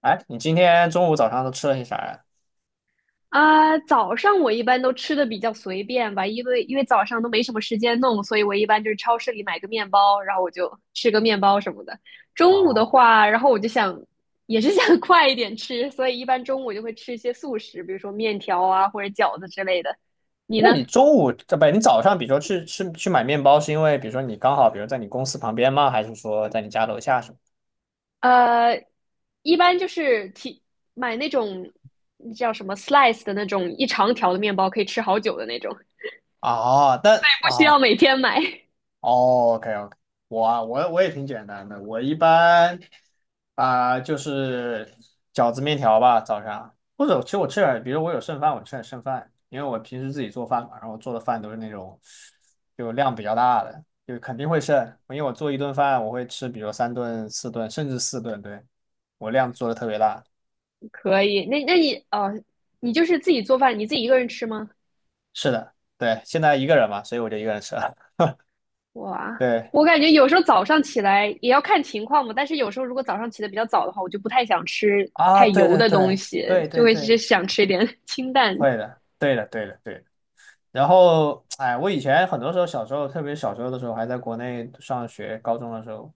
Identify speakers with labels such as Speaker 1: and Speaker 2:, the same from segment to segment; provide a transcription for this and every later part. Speaker 1: 哎，你今天中午、早上都吃了些啥呀？
Speaker 2: 啊，早上我一般都吃的比较随便吧，因为早上都没什么时间弄，所以我一般就是超市里买个面包，然后我就吃个面包什么的。中午
Speaker 1: 啊，
Speaker 2: 的话，然后我就想，也是想 快一点吃，所以一般中午就会吃一些速食，比如说面条啊或者饺子之类的。你
Speaker 1: 那
Speaker 2: 呢？
Speaker 1: 你中午，这不，你早上，比如说去买面包，是因为比如说你刚好，比如在你公司旁边吗？还是说在你家楼下什么？
Speaker 2: 呃，一般就是提买那种叫什么 slice 的那种一长条的面包，可以吃好久的那种，不
Speaker 1: 哦，
Speaker 2: 需要每天买。
Speaker 1: 哦，OK OK，我啊，我我也挺简单的，我一般就是饺子面条吧，早上，或者其实我吃点，比如我有剩饭，我吃点剩饭，因为我平时自己做饭嘛，然后我做的饭都是那种就量比较大的，就肯定会剩，因为我做一顿饭我会吃，比如三顿、四顿，甚至四顿，对，我量做的特别大。
Speaker 2: 可以，那你,你就是自己做饭，你自己一个人吃吗？
Speaker 1: 是的，对，现在一个人嘛，所以我就一个人吃了。
Speaker 2: 哇，
Speaker 1: 对
Speaker 2: 我感觉有时候早上起来也要看情况嘛，但是有时候如果早上起的比较早的话，我就不太想吃
Speaker 1: 啊，
Speaker 2: 太
Speaker 1: 对
Speaker 2: 油
Speaker 1: 对
Speaker 2: 的东
Speaker 1: 对
Speaker 2: 西，
Speaker 1: 对
Speaker 2: 就
Speaker 1: 对
Speaker 2: 会是
Speaker 1: 对，
Speaker 2: 想吃一点 清淡的。
Speaker 1: 会的，对的对的对的。然后，哎，我以前很多时候小时候，特别小时候的时候，还在国内上学，高中的时候，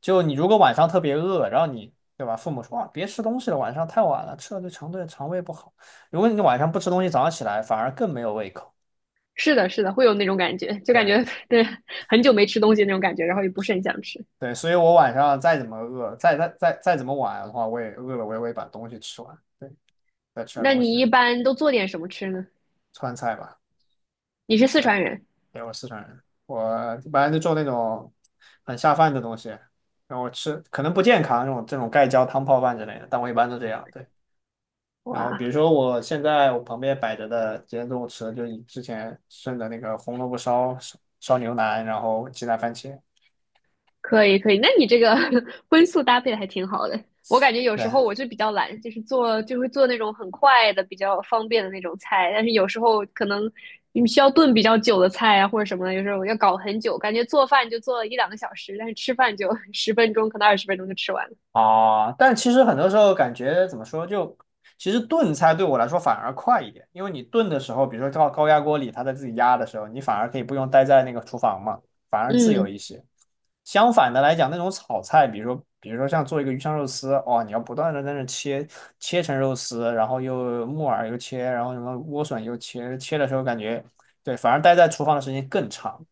Speaker 1: 就你如果晚上特别饿，然后你对吧，父母说啊，别吃东西了，晚上太晚了，吃了对肠胃不好。如果你晚上不吃东西，早上起来反而更没有胃口。
Speaker 2: 是的，是的，会有那种感觉，就感
Speaker 1: 对
Speaker 2: 觉 对很久没吃东西那种感觉，然后也不是很想吃。
Speaker 1: 对，所以我晚上再怎么饿，再怎么晚的话，我也饿了，我也会把东西吃完。对，再吃点
Speaker 2: 那
Speaker 1: 东西，
Speaker 2: 你一般都做点什么吃呢？
Speaker 1: 川菜吧。
Speaker 2: 你是四
Speaker 1: 对。
Speaker 2: 川人，
Speaker 1: 对，我四川人，我一般就做那种很下饭的东西，然后吃可能不健康这种盖浇汤泡饭之类的，但我一般都这样。对，然后比
Speaker 2: 哇，
Speaker 1: 如说我现在我旁边摆着的今天中午吃的就是之前剩的那个红萝卜烧烧烧牛腩，然后鸡蛋番茄。
Speaker 2: 可以可以，那你这个 荤素搭配的还挺好的。我感觉有时
Speaker 1: 对，
Speaker 2: 候我就比较懒，就是做就会做那种很快的、比较方便的那种菜，但是有时候可能你需要炖比较久的菜啊或者什么的，有时候要搞很久，感觉做饭就做了一两个小时，但是吃饭就 十分钟，可能20分钟就吃完了。
Speaker 1: 啊，但其实很多时候感觉怎么说，就其实炖菜对我来说反而快一点，因为你炖的时候，比如说到高压锅里，它在自己压的时候，你反而可以不用待在那个厨房嘛，反而自由
Speaker 2: 嗯
Speaker 1: 一些。相反的来讲，那种炒菜，比如说像做一个鱼香肉丝，哦，你要不断的在那切成肉丝，然后又木耳又切，然后什么莴笋又切，切的时候感觉对，反而待在厨房的时间更长。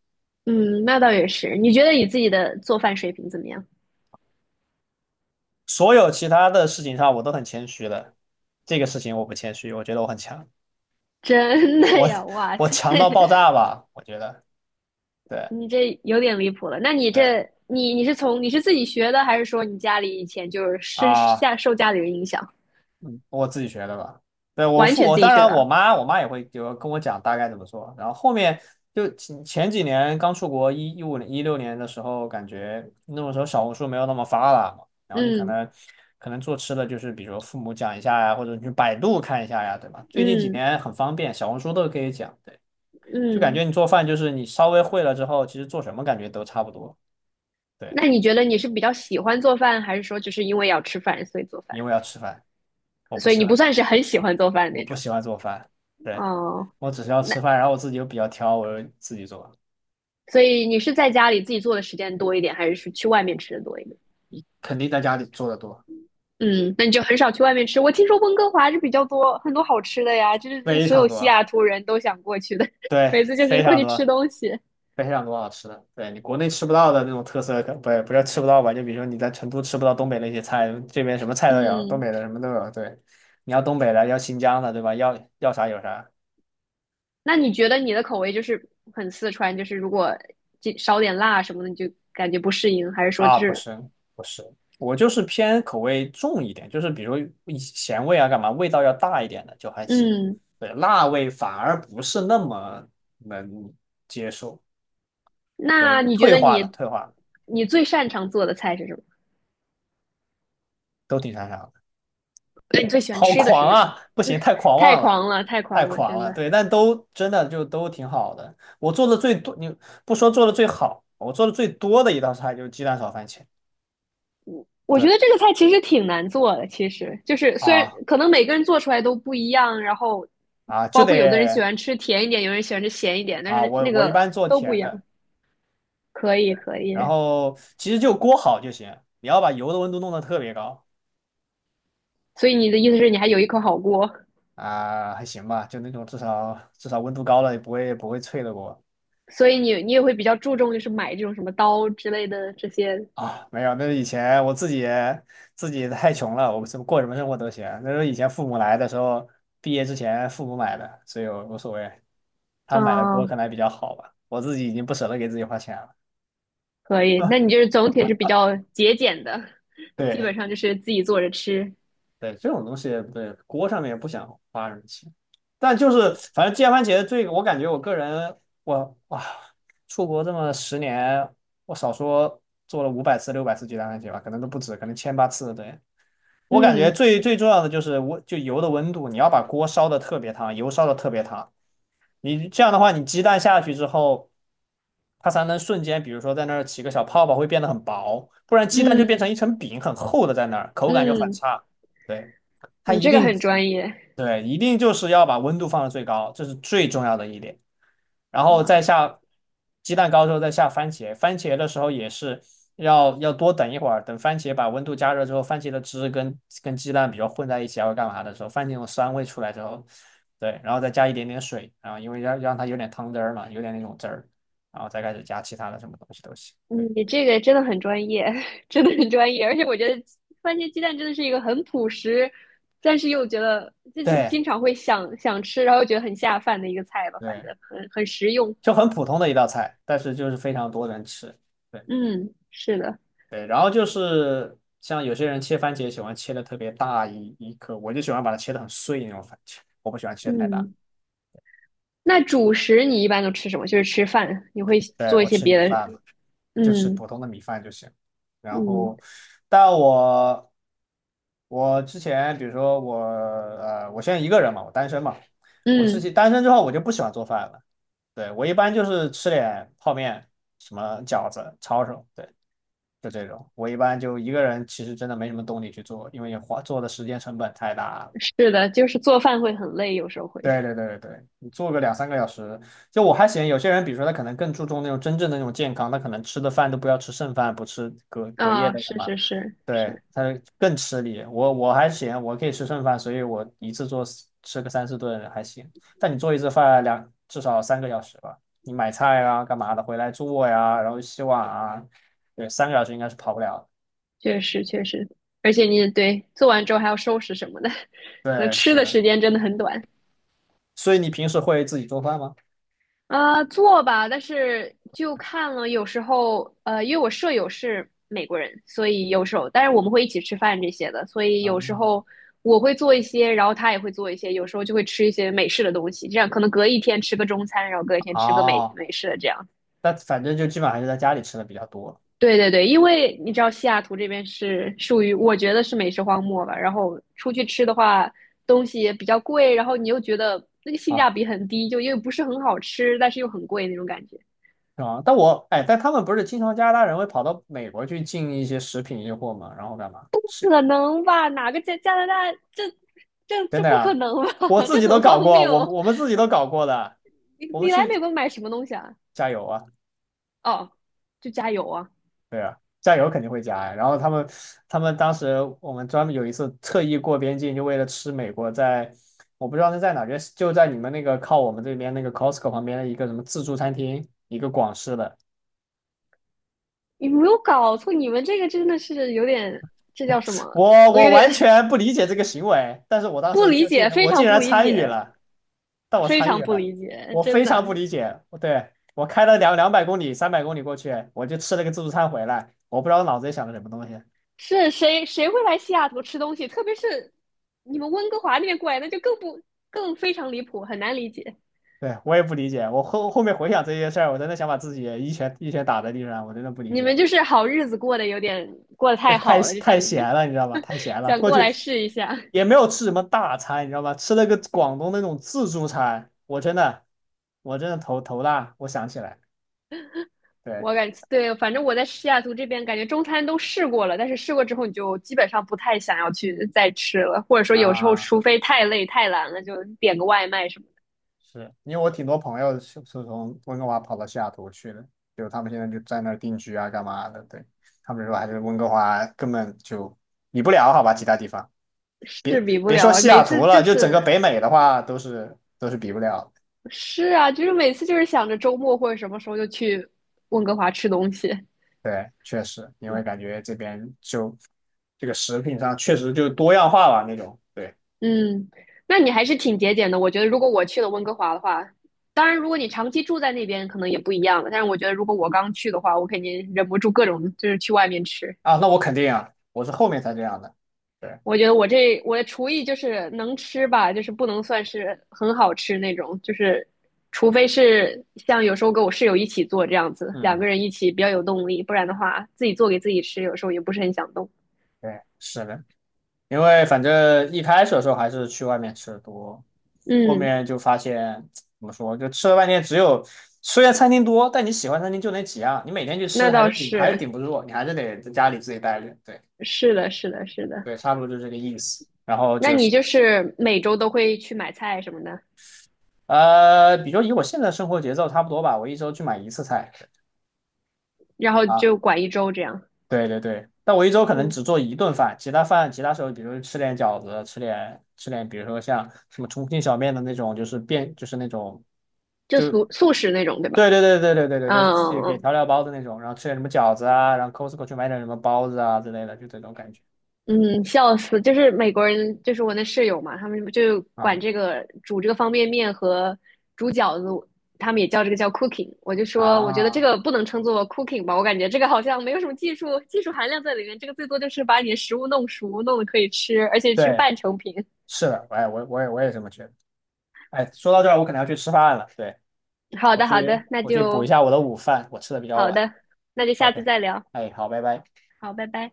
Speaker 2: 嗯，那倒也是。你觉得你自己的做饭水平怎么样？
Speaker 1: 所有其他的事情上，我都很谦虚的，这个事情我不谦虚，我觉得我很强。
Speaker 2: 真的
Speaker 1: 我
Speaker 2: 呀，哇
Speaker 1: 我
Speaker 2: 塞！
Speaker 1: 强到爆 炸吧，我觉得，对
Speaker 2: 你这有点离谱了。那你
Speaker 1: 对
Speaker 2: 这，你是自己学的，还是说你家里以前就是深
Speaker 1: 啊，
Speaker 2: 下受家里人影响，
Speaker 1: 嗯我自己学的吧。对，
Speaker 2: 完全
Speaker 1: 我
Speaker 2: 自己
Speaker 1: 当
Speaker 2: 学
Speaker 1: 然我
Speaker 2: 的？
Speaker 1: 妈也会就跟我讲大概怎么做，然后后面就前几年刚出国2015年2016年的时候，感觉那个时候小红书没有那么发达嘛，然后你可
Speaker 2: 嗯
Speaker 1: 能可能做吃的就是比如父母讲一下呀，或者你去百度看一下呀，对吧？最近几
Speaker 2: 嗯
Speaker 1: 年很方便，小红书都可以讲，对，就感觉
Speaker 2: 嗯。
Speaker 1: 你做饭就是你稍微会了之后，其实做什么感觉都差不多，对，
Speaker 2: 那你觉得你是比较喜欢做饭，还是说就是因为要吃饭所以做
Speaker 1: 因
Speaker 2: 饭？
Speaker 1: 为要吃饭。我不
Speaker 2: 所以
Speaker 1: 喜
Speaker 2: 你
Speaker 1: 欢
Speaker 2: 不
Speaker 1: 做
Speaker 2: 算是
Speaker 1: 饭，
Speaker 2: 很喜欢做饭
Speaker 1: 我
Speaker 2: 那
Speaker 1: 不
Speaker 2: 种。
Speaker 1: 喜欢做饭。对，
Speaker 2: 哦，
Speaker 1: 我只是要
Speaker 2: 那
Speaker 1: 吃饭，然后我自己又比较挑，我就自己做，
Speaker 2: 所以你是在家里自己做的时间多一点，还是去外面吃的多一点？
Speaker 1: 肯定在家里做的多，
Speaker 2: 嗯，那你就很少去外面吃。我听说温哥华是比较多很多好吃的呀，就是这是
Speaker 1: 非
Speaker 2: 所
Speaker 1: 常
Speaker 2: 有西
Speaker 1: 多，
Speaker 2: 雅图人都想过去的，
Speaker 1: 对，
Speaker 2: 每次就
Speaker 1: 非
Speaker 2: 是过
Speaker 1: 常
Speaker 2: 去吃
Speaker 1: 多，
Speaker 2: 东西。
Speaker 1: 非常多好吃的。对你国内吃不到的那种特色，可不是吃不到吧？就比如说你在成都吃不到东北那些菜，这边什么菜都有，东
Speaker 2: 嗯，
Speaker 1: 北的什么都有。对，你要东北的，要新疆的，对吧？要啥有啥。
Speaker 2: 那你觉得你的口味就是很四川，就是如果这少点辣什么的，你就感觉不适应，还是说
Speaker 1: 啊，
Speaker 2: 就
Speaker 1: 不
Speaker 2: 是
Speaker 1: 是不是，我就是偏口味重一点，就是比如一咸味啊，干嘛味道要大一点的就还行。
Speaker 2: 嗯？
Speaker 1: 对，辣味反而不是那么能接受，对，
Speaker 2: 那你觉
Speaker 1: 退
Speaker 2: 得
Speaker 1: 化了，
Speaker 2: 你
Speaker 1: 退化了，
Speaker 2: 你最擅长做的菜是什么？
Speaker 1: 都挺擅长的。
Speaker 2: 那你最喜欢
Speaker 1: 好
Speaker 2: 吃的是
Speaker 1: 狂
Speaker 2: 什么？
Speaker 1: 啊！不行，太狂
Speaker 2: 太
Speaker 1: 妄了，
Speaker 2: 狂了，太
Speaker 1: 太
Speaker 2: 狂了，
Speaker 1: 狂
Speaker 2: 真
Speaker 1: 了。
Speaker 2: 的。
Speaker 1: 对，但都真的就都挺好的。我做的最多，你不说做的最好，我做的最多的一道菜就是鸡蛋炒番茄。
Speaker 2: 我觉得
Speaker 1: 对
Speaker 2: 这个菜其实挺难做的，其实就是虽然
Speaker 1: 啊
Speaker 2: 可能每个人做出来都不一样，然后
Speaker 1: 啊，就
Speaker 2: 包括有的人喜
Speaker 1: 得
Speaker 2: 欢吃甜一点，有人喜欢吃咸一点，但
Speaker 1: 啊，
Speaker 2: 是
Speaker 1: 我
Speaker 2: 那
Speaker 1: 我一
Speaker 2: 个
Speaker 1: 般做
Speaker 2: 都不一
Speaker 1: 甜
Speaker 2: 样。
Speaker 1: 的。
Speaker 2: 可以，可
Speaker 1: 然
Speaker 2: 以。
Speaker 1: 后其实就锅好就行，你要把油的温度弄得特别高
Speaker 2: 所以你的意思是你还有一口好锅，
Speaker 1: 啊，还行吧，就那种至少温度高了也不会脆的锅
Speaker 2: 所以你也会比较注重就是买这种什么刀之类的这些。
Speaker 1: 啊。没有，那是以前我自己太穷了，我们什么过什么生活都行。那时候以前父母来的时候，毕业之前父母买的，所以我无所谓。他们买的锅
Speaker 2: 嗯，
Speaker 1: 可能还比较好吧，我自己已经不舍得给自己花钱了。
Speaker 2: 可以。那你就是总体是比较节俭的，基
Speaker 1: 对。
Speaker 2: 本上就是自己做着吃。
Speaker 1: 对，这种东西对锅上面也不想花什么钱，但就是反正煎番茄这个，我感觉我个人哇，出国这么10年，我少说做了500次、600次鸡蛋番茄吧，可能都不止，可能千八次。对，我感觉
Speaker 2: 嗯
Speaker 1: 最最重要的就是温，就油的温度，你要把锅烧的特别烫，油烧的特别烫。你这样的话，你鸡蛋下去之后，它才能瞬间，比如说在那儿起个小泡泡，会变得很薄，不然鸡蛋就变成
Speaker 2: 嗯
Speaker 1: 一层饼，很厚的在那儿，口感就很
Speaker 2: 嗯，
Speaker 1: 差。对，它
Speaker 2: 你
Speaker 1: 一
Speaker 2: 这个
Speaker 1: 定，
Speaker 2: 很专业
Speaker 1: 对，一定就是要把温度放到最高，这是最重要的一点。然后再
Speaker 2: 哇。
Speaker 1: 下鸡蛋糕之后再下番茄，番茄的时候也是要多等一会儿，等番茄把温度加热之后，番茄的汁跟鸡蛋比较混在一起，还会干嘛的时候，番茄那种酸味出来之后，对，然后再加一点点水，然后因为要让它有点汤汁儿嘛，有点那种汁儿，然后再开始加其他的什么东西都行。对
Speaker 2: 你这个真的很专业，真的很专业，而且我觉得番茄鸡蛋真的是一个很朴实，但是又觉得就是
Speaker 1: 对
Speaker 2: 经常会想吃，然后觉得很下饭的一个菜吧，反
Speaker 1: 对，
Speaker 2: 正很实用。
Speaker 1: 就很普通的一道菜，但是就是非常多人吃。对。
Speaker 2: 嗯，是的，
Speaker 1: 对，然后就是像有些人切番茄喜欢切的特别大一颗，我就喜欢把它切的很碎那种番茄，我不喜欢切太大。
Speaker 2: 嗯，那主食你一般都吃什么？就是吃饭，你会
Speaker 1: 对，
Speaker 2: 做一
Speaker 1: 我
Speaker 2: 些
Speaker 1: 吃
Speaker 2: 别
Speaker 1: 米
Speaker 2: 的？
Speaker 1: 饭嘛，就吃
Speaker 2: 嗯
Speaker 1: 普通的米饭就行。然
Speaker 2: 嗯
Speaker 1: 后，但我之前比如说我现在一个人嘛，我单身嘛，我自
Speaker 2: 嗯，
Speaker 1: 己单身之后我就不喜欢做饭了。对，我一般就是吃点泡面、什么饺子、抄手，对，就这种，我一般就一个人，其实真的没什么动力去做，因为花做的时间成本太大了。
Speaker 2: 是的，就是做饭会很累，有时候会。
Speaker 1: 对对对对对，你做个两三个小时，就我还嫌有些人，比如说他可能更注重那种真正的那种健康，他可能吃的饭都不要吃剩饭，不吃隔夜
Speaker 2: 啊，
Speaker 1: 的干
Speaker 2: 是
Speaker 1: 嘛，
Speaker 2: 是是
Speaker 1: 对，
Speaker 2: 是，
Speaker 1: 他更吃力。我还嫌我可以吃剩饭，所以我一次吃个三四顿还行。但你做一次饭至少三个小时吧，你买菜啊干嘛的，回来做呀，然后洗碗啊，对，三个小时应该是跑不了的。
Speaker 2: 确实确实，而且你对做完之后还要收拾什么的，可能
Speaker 1: 对，
Speaker 2: 吃
Speaker 1: 是
Speaker 2: 的
Speaker 1: 的。
Speaker 2: 时间真的很短。
Speaker 1: 所以你平时会自己做饭吗？
Speaker 2: 啊、做吧，但是就看了，有时候,因为我舍友是美国人，所以有时候，但是我们会一起吃饭这些的，所以
Speaker 1: 啊，
Speaker 2: 有时候我会做一些，然后他也会做一些，有时候就会吃一些美式的东西，这样可能隔一天吃个中餐，然后隔一天吃个美
Speaker 1: 哦，
Speaker 2: 美式的这样。
Speaker 1: 但反正就基本上还是在家里吃的比较多
Speaker 2: 对对对，因为你知道西雅图这边是属于我觉得是美食荒漠吧，然后出去吃的话，东西也比较贵，然后你又觉得那个性
Speaker 1: 啊，
Speaker 2: 价比很低，就因为不是很好吃，但是又很贵那种感觉。
Speaker 1: 是吧？但我哎，但他们不是经常加拿大人会跑到美国去进一些食品运货嘛，然后干嘛？是
Speaker 2: 可能吧？哪个加拿大这
Speaker 1: 真的
Speaker 2: 不可
Speaker 1: 呀，
Speaker 2: 能
Speaker 1: 我
Speaker 2: 吧？
Speaker 1: 自
Speaker 2: 这
Speaker 1: 己都
Speaker 2: 很
Speaker 1: 搞
Speaker 2: 荒
Speaker 1: 过，
Speaker 2: 谬。
Speaker 1: 我们自己都搞过的，
Speaker 2: 你
Speaker 1: 我们
Speaker 2: 你来
Speaker 1: 去
Speaker 2: 美国买什么东西啊？
Speaker 1: 加油啊！
Speaker 2: 哦，就加油啊！
Speaker 1: 对啊，酱油肯定会加呀。然后他们当时我们专门有一次特意过边境，就为了吃美国在我不知道是在哪，就在你们那个靠我们这边那个 Costco 旁边的一个什么自助餐厅，一个广式的。
Speaker 2: 你没有搞错，你们这个真的是有点，这叫什么？
Speaker 1: 我
Speaker 2: 我
Speaker 1: 我
Speaker 2: 有点
Speaker 1: 完全不理解这个行为，但是我 当
Speaker 2: 不
Speaker 1: 时
Speaker 2: 理
Speaker 1: 就竟
Speaker 2: 解，
Speaker 1: 然
Speaker 2: 非
Speaker 1: 我竟
Speaker 2: 常不
Speaker 1: 然
Speaker 2: 理
Speaker 1: 参与
Speaker 2: 解，
Speaker 1: 了，但我
Speaker 2: 非
Speaker 1: 参与
Speaker 2: 常不
Speaker 1: 了，
Speaker 2: 理解，
Speaker 1: 我
Speaker 2: 真
Speaker 1: 非
Speaker 2: 的。
Speaker 1: 常不理解。对，我开了200公里、300公里过去，我就吃了个自助餐回来，我不知道脑子里想的什么东西。
Speaker 2: 是谁会来西雅图吃东西？特别是你们温哥华那边过来，那就更非常离谱，很难理解。
Speaker 1: 对，我也不理解。我后面回想这些事儿，我真的想把自己一拳一拳打在地上。我真的不理
Speaker 2: 你们
Speaker 1: 解，
Speaker 2: 就是好日子过得有点过得
Speaker 1: 对，
Speaker 2: 太
Speaker 1: 太
Speaker 2: 好了，就想
Speaker 1: 太闲了，你知道吧？太闲 了，
Speaker 2: 想
Speaker 1: 过
Speaker 2: 过
Speaker 1: 去
Speaker 2: 来试一下。
Speaker 1: 也没有吃什么大餐，你知道吧？吃了个广东那种自助餐，我真的，我真的头大。我想起来，对
Speaker 2: 我感觉对，反正我在西雅图这边感觉中餐都试过了，但是试过之后你就基本上不太想要去再吃了，或者说有时候
Speaker 1: 啊，
Speaker 2: 除非太累太懒了，就点个外卖什么
Speaker 1: 是因为我挺多朋友是从温哥华跑到西雅图去的，就他们现在就在那儿定居啊，干嘛的？对，他们说还是温哥华根本就比不了，好吧，其他地方。
Speaker 2: 的，是比不
Speaker 1: 别说
Speaker 2: 了。
Speaker 1: 西雅
Speaker 2: 每
Speaker 1: 图
Speaker 2: 次
Speaker 1: 了，
Speaker 2: 就
Speaker 1: 就整个
Speaker 2: 是
Speaker 1: 北美的话，都是比不了。
Speaker 2: 是啊，就是每次就是想着周末或者什么时候就去温哥华吃东西。
Speaker 1: 对，确实，因为
Speaker 2: 嗯
Speaker 1: 感觉这边就这个食品上确实就多样化吧那种。对
Speaker 2: 嗯，那你还是挺节俭的。我觉得如果我去了温哥华的话，当然如果你长期住在那边可能也不一样了。但是我觉得如果我刚去的话，我肯定忍不住各种就是去外面吃。
Speaker 1: 啊，那我肯定啊，我是后面才这样的。对，
Speaker 2: 我觉得我这我的厨艺就是能吃吧，就是不能算是很好吃那种，就是除非是像有时候跟我室友一起做这样子，两
Speaker 1: 嗯，
Speaker 2: 个人一起比较有动力，不然的话自己做给自己吃，有时候也不是很想动。
Speaker 1: 对，是的，因为反正一开始的时候还是去外面吃的多，后
Speaker 2: 嗯，
Speaker 1: 面就发现怎么说，就吃了半天，虽然餐厅多，但你喜欢餐厅就那几样，你每天去
Speaker 2: 那
Speaker 1: 吃还
Speaker 2: 倒
Speaker 1: 是
Speaker 2: 是，
Speaker 1: 顶不住，你还是得在家里自己待着。对
Speaker 2: 是的，是的，是的。
Speaker 1: 对，差不多就这个意思。然后
Speaker 2: 那
Speaker 1: 就是
Speaker 2: 你就是每周都会去买菜什么的，
Speaker 1: 比如以我现在生活节奏差不多吧，我一周去买一次菜
Speaker 2: 然后
Speaker 1: 啊，
Speaker 2: 就管一周这样。
Speaker 1: 对对对，但我一周可能
Speaker 2: 嗯，
Speaker 1: 只做一顿饭，其他饭其他时候，比如吃点饺子，吃点吃点，比如说像什么重庆小面的那种，就是就是那种
Speaker 2: 就
Speaker 1: 就
Speaker 2: 素食那种，对吧？
Speaker 1: 对对对对对对对对，自己给
Speaker 2: 嗯
Speaker 1: 调料包的那种，然后吃点什么饺子啊，然后 Costco 去买点什么包子啊之类的，就这种感觉
Speaker 2: 嗯，嗯，笑死！就是美国人，就是我那室友嘛，他们就管
Speaker 1: 啊
Speaker 2: 这个煮这个方便面和煮饺子，他们也叫这个叫 cooking。我就说，我觉得这
Speaker 1: 啊，
Speaker 2: 个不能称作 cooking 吧，我感觉这个好像没有什么技术含量在里面，这个最多就是把你的食物弄熟，弄得可以吃，而且是个
Speaker 1: 对，
Speaker 2: 半成品。
Speaker 1: 是的，哎，我也这么觉得。哎，说到这儿，我可能要去吃饭了，对，
Speaker 2: 好
Speaker 1: 我
Speaker 2: 的，好
Speaker 1: 去
Speaker 2: 的，那
Speaker 1: 我去补一
Speaker 2: 就
Speaker 1: 下我的午饭，我吃的比较
Speaker 2: 好
Speaker 1: 晚。
Speaker 2: 的，那就下次
Speaker 1: OK，
Speaker 2: 再聊。
Speaker 1: 哎，好，拜拜。
Speaker 2: 好，拜拜。